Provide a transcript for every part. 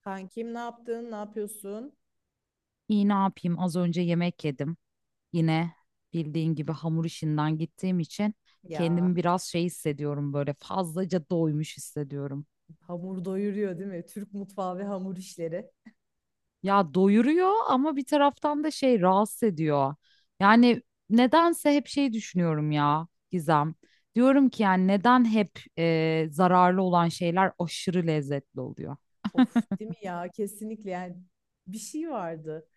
Kankim ne yaptın? Ne yapıyorsun? İyi ne yapayım? Az önce yemek yedim. Yine bildiğin gibi hamur işinden gittiğim için Ya kendimi biraz hissediyorum, böyle fazlaca doymuş hissediyorum. hamur doyuruyor değil mi? Türk mutfağı ve hamur işleri. Ya doyuruyor ama bir taraftan da rahatsız ediyor. Yani nedense hep şey düşünüyorum ya Gizem. Diyorum ki yani neden hep zararlı olan şeyler aşırı lezzetli oluyor? Of değil mi ya? Kesinlikle yani bir şey vardı.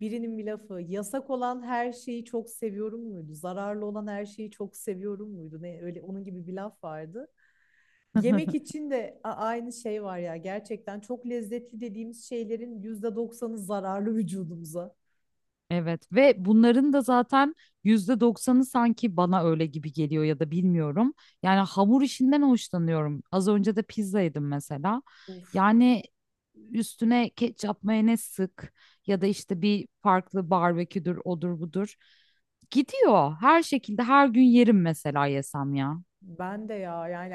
Birinin bir lafı yasak olan her şeyi çok seviyorum muydu? Zararlı olan her şeyi çok seviyorum muydu? Ne öyle onun gibi bir laf vardı. Yemek için de aynı şey var ya. Gerçekten çok lezzetli dediğimiz şeylerin yüzde doksanı zararlı vücudumuza. Evet ve bunların da zaten yüzde doksanı sanki bana öyle gibi geliyor ya da bilmiyorum. Yani hamur işinden hoşlanıyorum. Az önce de pizza yedim mesela. Uf, Yani üstüne ketçap mayonez sık ya da işte bir farklı barbeküdür odur budur. Gidiyor. Her şekilde her gün yerim mesela yesem ya. ben de ya yani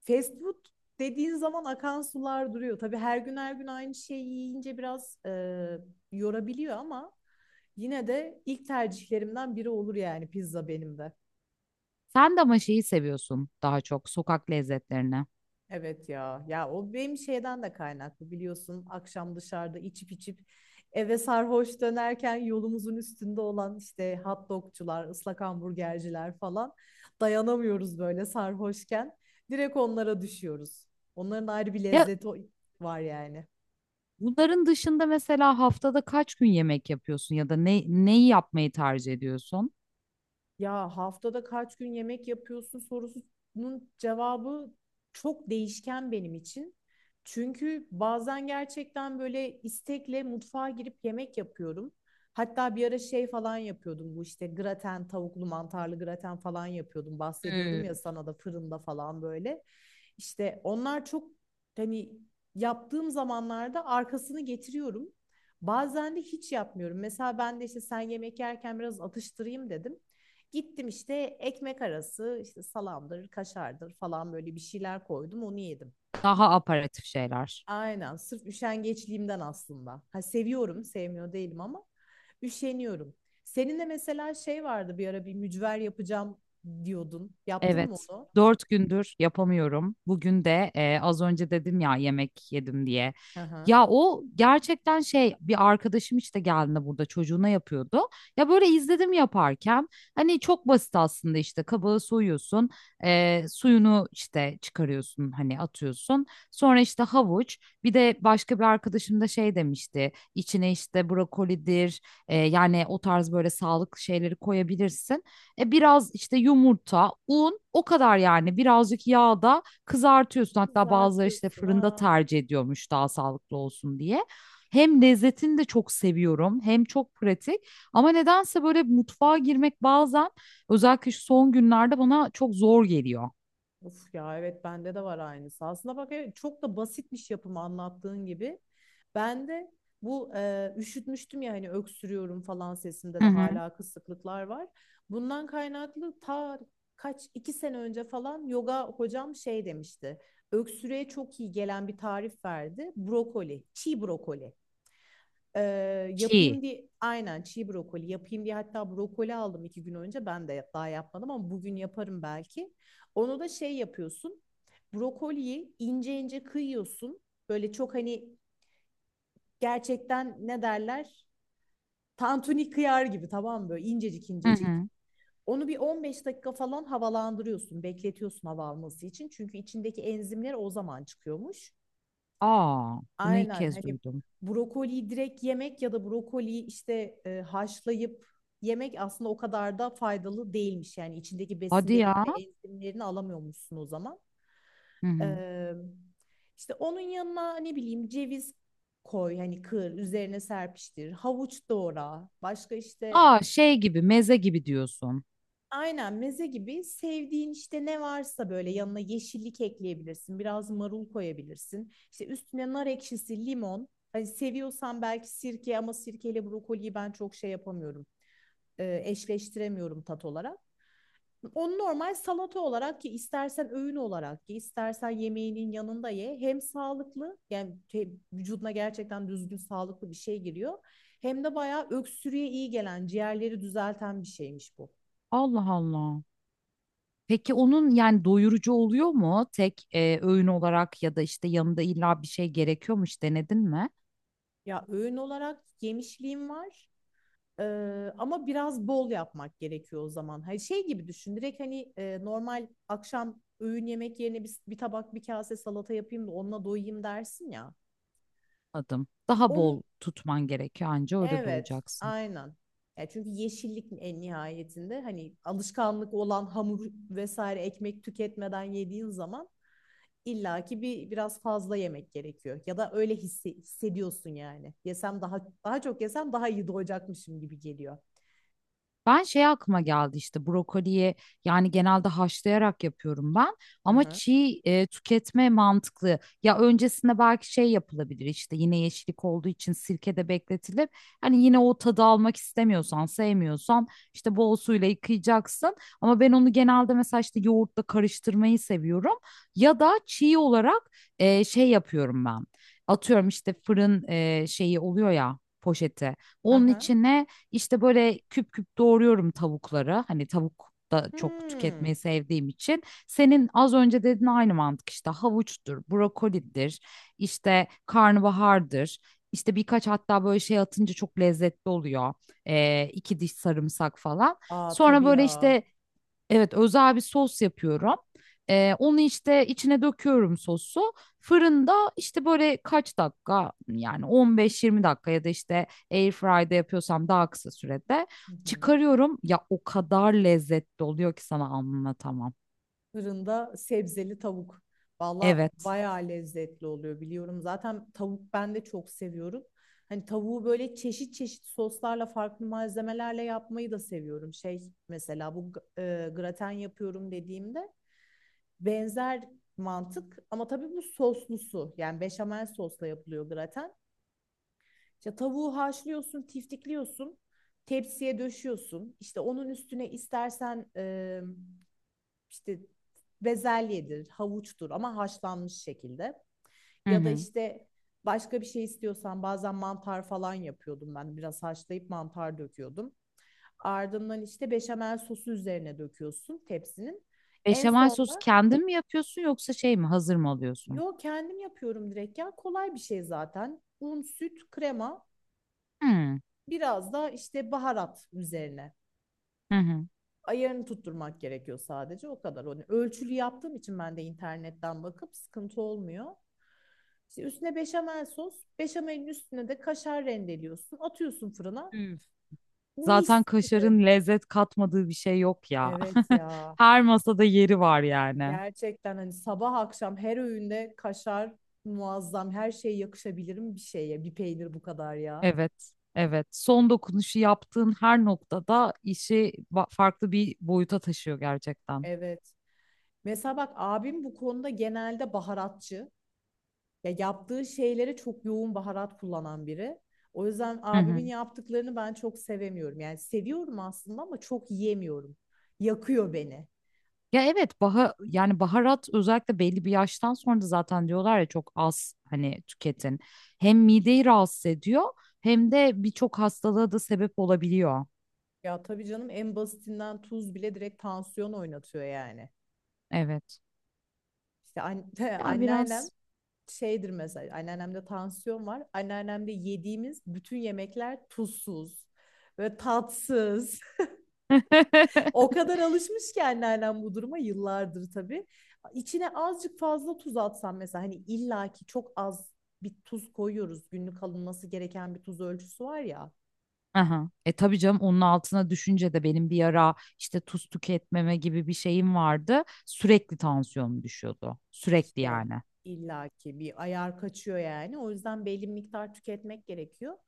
fast food dediğin zaman akan sular duruyor. Tabii her gün her gün aynı şeyi yiyince biraz yorabiliyor ama yine de ilk tercihlerimden biri olur yani pizza benim de. Sen de ama şeyi seviyorsun, daha çok sokak lezzetlerini. Evet ya. Ya o benim şeyden de kaynaklı biliyorsun. Akşam dışarıda içip içip eve sarhoş dönerken yolumuzun üstünde olan işte hot dogcular, ıslak hamburgerciler falan dayanamıyoruz böyle sarhoşken. Direkt onlara düşüyoruz. Onların ayrı bir Ya lezzeti var yani. bunların dışında mesela haftada kaç gün yemek yapıyorsun ya da neyi yapmayı tercih ediyorsun? Ya haftada kaç gün yemek yapıyorsun sorusunun cevabı çok değişken benim için. Çünkü bazen gerçekten böyle istekle mutfağa girip yemek yapıyorum. Hatta bir ara şey falan yapıyordum bu işte graten, tavuklu mantarlı graten falan yapıyordum. Bahsediyordum Hmm. ya sana da fırında falan böyle. İşte onlar çok hani yaptığım zamanlarda arkasını getiriyorum. Bazen de hiç yapmıyorum. Mesela ben de işte sen yemek yerken biraz atıştırayım dedim. Gittim işte ekmek arası işte salamdır, kaşardır falan böyle bir şeyler koydum onu yedim. Daha aparatif şeyler. Aynen sırf üşengeçliğimden aslında. Ha seviyorum, sevmiyor değilim ama üşeniyorum. Senin de mesela şey vardı bir ara bir mücver yapacağım diyordun. Yaptın mı Evet. onu? Dört gündür yapamıyorum. Bugün de az önce dedim ya yemek yedim diye. Hı hı. Ya o gerçekten şey, bir arkadaşım işte geldiğinde burada çocuğuna yapıyordu. Ya böyle izledim yaparken, hani çok basit aslında. İşte kabağı soyuyorsun, suyunu işte çıkarıyorsun, hani atıyorsun. Sonra işte havuç, bir de başka bir arkadaşım da şey demişti, içine işte brokolidir, yani o tarz böyle sağlıklı şeyleri koyabilirsin. Biraz işte yumurta, un, o kadar yani. Birazcık yağda kızartıyorsun. Hatta bazıları işte Kızartıyorsun. fırında Ha. tercih ediyormuş daha sağlıklı olsun diye. Hem lezzetini de çok seviyorum hem çok pratik, ama nedense böyle mutfağa girmek bazen, özellikle şu son günlerde, bana çok zor geliyor. Of ya evet, bende de var aynısı. Aslında bak evet, çok da basitmiş yapımı anlattığın gibi. Ben de bu üşütmüştüm ya hani öksürüyorum falan sesimde Hı de hı. hala kısıklıklar var. Bundan kaynaklı ta kaç iki sene önce falan yoga hocam şey demişti. Öksürüğe çok iyi gelen bir tarif verdi. Brokoli, çiğ brokoli. Ee, Çiğ. yapayım diye aynen çiğ brokoli yapayım diye hatta brokoli aldım iki gün önce ben de daha yapmadım ama bugün yaparım belki. Onu da şey yapıyorsun brokoliyi ince ince kıyıyorsun böyle çok hani gerçekten ne derler tantuni kıyar gibi, tamam mı? Böyle incecik Hı incecik. hı. Onu bir 15 dakika falan havalandırıyorsun bekletiyorsun hava alması için çünkü içindeki enzimler o zaman çıkıyormuş. Aa, bunu ilk Aynen kez hani duydum. brokoliyi direkt yemek ya da brokoliyi işte haşlayıp yemek aslında o kadar da faydalı değilmiş. Yani içindeki besin Hadi değerini ya. ve enzimlerini alamıyormuşsun o zaman. Hı hı. Ee, işte onun yanına ne bileyim ceviz koy hani kır üzerine serpiştir havuç doğra başka işte Aa, şey gibi, meze gibi diyorsun. aynen meze gibi sevdiğin işte ne varsa böyle yanına yeşillik ekleyebilirsin. Biraz marul koyabilirsin. İşte üstüne nar ekşisi, limon. Hani seviyorsan belki sirke ama sirkeyle brokoliyi ben çok şey yapamıyorum. Eşleştiremiyorum tat olarak. Onu normal salata olarak ki istersen öğün olarak ki istersen yemeğinin yanında ye. Hem sağlıklı yani şey, vücuduna gerçekten düzgün sağlıklı bir şey giriyor. Hem de bayağı öksürüğe iyi gelen, ciğerleri düzelten bir şeymiş bu. Allah Allah. Peki onun yani doyurucu oluyor mu tek öğün olarak, ya da işte yanında illa bir şey gerekiyormuş, denedin mi? Ya öğün olarak yemişliğim var. Ee, ama biraz bol yapmak gerekiyor o zaman. Hani şey gibi düşün. Direkt hani normal akşam öğün yemek yerine bir tabak bir kase salata yapayım da onunla doyayım dersin ya. Adım. Daha Onun bol tutman gerekiyor, anca öyle evet, doyacaksın. aynen. Ya çünkü yeşillik en nihayetinde hani alışkanlık olan hamur vesaire ekmek tüketmeden yediğin zaman illaki bir biraz fazla yemek gerekiyor. Ya da öyle hissediyorsun yani. Yesem daha daha çok yesem daha iyi doyacakmışım gibi geliyor. Ben şey, aklıma geldi işte brokoliye, yani genelde haşlayarak yapıyorum ben, ama Aha. çiğ tüketme mantıklı. Ya öncesinde belki şey yapılabilir, işte yine yeşillik olduğu için sirkede bekletilip, hani yine o tadı almak istemiyorsan, sevmiyorsan, işte bol suyla yıkayacaksın. Ama ben onu genelde mesela işte yoğurtla karıştırmayı seviyorum, ya da çiğ olarak şey yapıyorum ben. Atıyorum işte fırın şeyi oluyor ya, poşeti, onun Aha. içine işte böyle küp küp doğruyorum tavukları. Hani tavuk da çok Hmm. tüketmeyi sevdiğim için. Senin az önce dediğin aynı mantık işte: havuçtur, brokolidir, işte karnabahardır. İşte birkaç, hatta böyle şey atınca çok lezzetli oluyor. İki diş sarımsak falan. Aa Sonra tabii böyle ya. işte, evet, özel bir sos yapıyorum. Onu işte içine döküyorum, sosu. Fırında işte böyle kaç dakika, yani 15-20 dakika, ya da işte airfry'de yapıyorsam daha kısa sürede Hı hı. çıkarıyorum. Ya o kadar lezzetli oluyor ki sana anlatamam. Fırında sebzeli tavuk. Valla Evet. bayağı lezzetli oluyor biliyorum. Zaten tavuk ben de çok seviyorum. Hani tavuğu böyle çeşit çeşit soslarla farklı malzemelerle yapmayı da seviyorum. Şey mesela bu graten yapıyorum dediğimde benzer mantık ama tabii bu soslusu yani beşamel sosla yapılıyor graten. İşte tavuğu haşlıyorsun, tiftikliyorsun, tepsiye döşüyorsun. İşte onun üstüne istersen işte bezelyedir, havuçtur ama haşlanmış şekilde. Hı Ya da hı. işte başka bir şey istiyorsan bazen mantar falan yapıyordum ben. Biraz haşlayıp mantar döküyordum. Ardından işte beşamel sosu üzerine döküyorsun tepsinin. En Beşamel sosu sonda kendin mi yapıyorsun, yoksa şey mi hazır mı alıyorsun? yo kendim yapıyorum direkt ya kolay bir şey zaten. Un, süt, krema Hı biraz da işte baharat üzerine. hı. Hı. Ayarını tutturmak gerekiyor sadece o kadar. Hani ölçülü yaptığım için ben de internetten bakıp sıkıntı olmuyor. İşte üstüne beşamel sos, beşamelin üstüne de kaşar rendeliyorsun, atıyorsun fırına. Üf. Zaten Mis gibi. kaşarın lezzet katmadığı bir şey yok ya. Evet ya. Her masada yeri var yani. Gerçekten hani sabah akşam her öğünde kaşar muazzam. Her şeye yakışabilirim bir şeye. Bir peynir bu kadar ya. Evet, evet. Son dokunuşu yaptığın her noktada işi farklı bir boyuta taşıyor gerçekten. Evet. Mesela bak abim bu konuda genelde baharatçı. Ya yaptığı şeylere çok yoğun baharat kullanan biri. O yüzden Hı hı. abimin yaptıklarını ben çok sevemiyorum. Yani seviyorum aslında ama çok yiyemiyorum. Yakıyor beni. Ya evet, yani baharat, özellikle belli bir yaştan sonra da zaten diyorlar ya, çok az hani tüketin. Hem mideyi rahatsız ediyor hem de birçok hastalığa da sebep olabiliyor. Ya tabii canım en basitinden tuz bile direkt tansiyon oynatıyor yani. Evet. İşte Ya anneannem biraz. şeydir mesela, anneannemde tansiyon var. Anneannemde yediğimiz bütün yemekler tuzsuz ve tatsız. O kadar alışmış ki anneannem bu duruma yıllardır tabii. İçine azıcık fazla tuz atsam mesela hani illaki çok az bir tuz koyuyoruz. Günlük alınması gereken bir tuz ölçüsü var ya. Aha. E tabii canım, onun altına düşünce de... Benim bir ara işte tuz tüketmeme gibi bir şeyim vardı. Sürekli tansiyonum düşüyordu. Sürekli İşte yani. illaki bir ayar kaçıyor yani. O yüzden belli bir miktar tüketmek gerekiyor.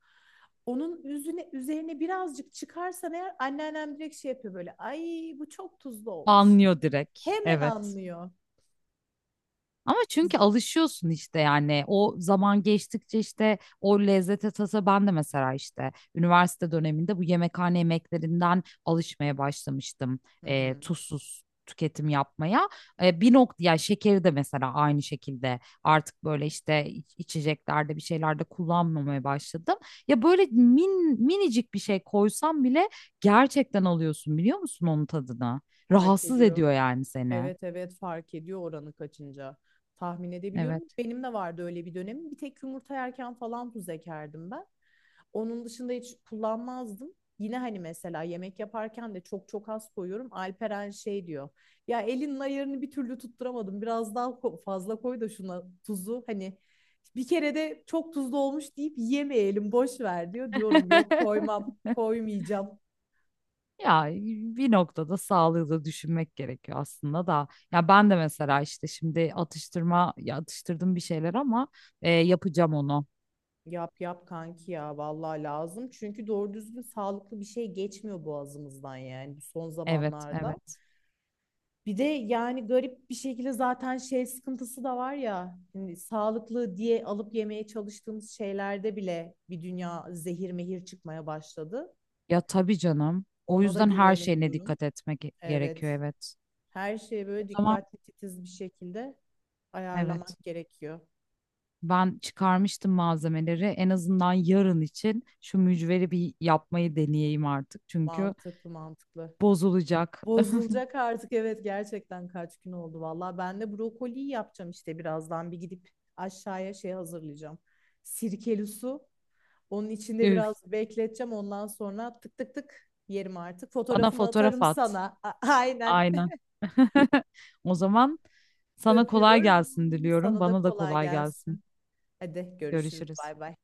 Onun üzerine birazcık çıkarsan eğer anneannem direkt şey yapıyor böyle. Ay bu çok tuzlu olmuş. Anlıyor direkt. Hemen Evet. anlıyor. Ama çünkü alışıyorsun işte, yani o zaman geçtikçe işte o lezzete, tasa. Ben de mesela işte üniversite döneminde bu yemekhane yemeklerinden alışmaya başlamıştım Hı hı. tuzsuz tüketim yapmaya. Bir nokta ya, şekeri de mesela aynı şekilde artık böyle işte içeceklerde, bir şeylerde kullanmamaya başladım. Ya böyle minicik bir şey koysam bile gerçekten alıyorsun, biliyor musun, onun tadını? Fark Rahatsız ediyor. ediyor yani seni. Evet evet fark ediyor oranı kaçınca. Tahmin edebiliyorum. Evet. Benim de vardı öyle bir dönemim. Bir tek yumurta yerken falan tuz ekerdim ben. Onun dışında hiç kullanmazdım. Yine hani mesela yemek yaparken de çok çok az koyuyorum. Alperen şey diyor. Ya elinin ayarını bir türlü tutturamadım. Biraz daha fazla koy da şuna tuzu. Hani bir kere de çok tuzlu olmuş deyip yemeyelim boş ver diyor. Diyorum yok koymam koymayacağım. Ya bir noktada sağlığı da düşünmek gerekiyor aslında da. Ya ben de mesela işte şimdi atıştırma ya atıştırdım bir şeyler ama yapacağım onu. Yap yap kanki ya vallahi lazım. Çünkü doğru düzgün sağlıklı bir şey geçmiyor boğazımızdan yani bu son Evet, zamanlarda. evet. Bir de yani garip bir şekilde zaten şey sıkıntısı da var ya. Hani sağlıklı diye alıp yemeye çalıştığımız şeylerde bile bir dünya zehir mehir çıkmaya başladı. Ya tabii canım. O Ona da yüzden her şeyine güvenemiyorum. dikkat etmek gerekiyor, Evet. evet. Her şeye O böyle zaman dikkatli titiz bir şekilde evet. ayarlamak gerekiyor. Ben çıkarmıştım malzemeleri. En azından yarın için şu mücveri bir yapmayı deneyeyim artık. Çünkü Mantıklı mantıklı. bozulacak. Bozulacak artık evet gerçekten kaç gün oldu valla. Ben de brokoliyi yapacağım işte birazdan bir gidip aşağıya şey hazırlayacağım. Sirkeli su. Onun içinde Üf. biraz bekleteceğim ondan sonra tık tık tık yerim artık. Bana Fotoğrafını fotoğraf atarım at. sana. Aynen Aynen. O zaman sana kolay öpüyorum. gelsin diliyorum. Sana da Bana da kolay kolay gelsin. gelsin. Hadi görüşürüz Görüşürüz. bay bay.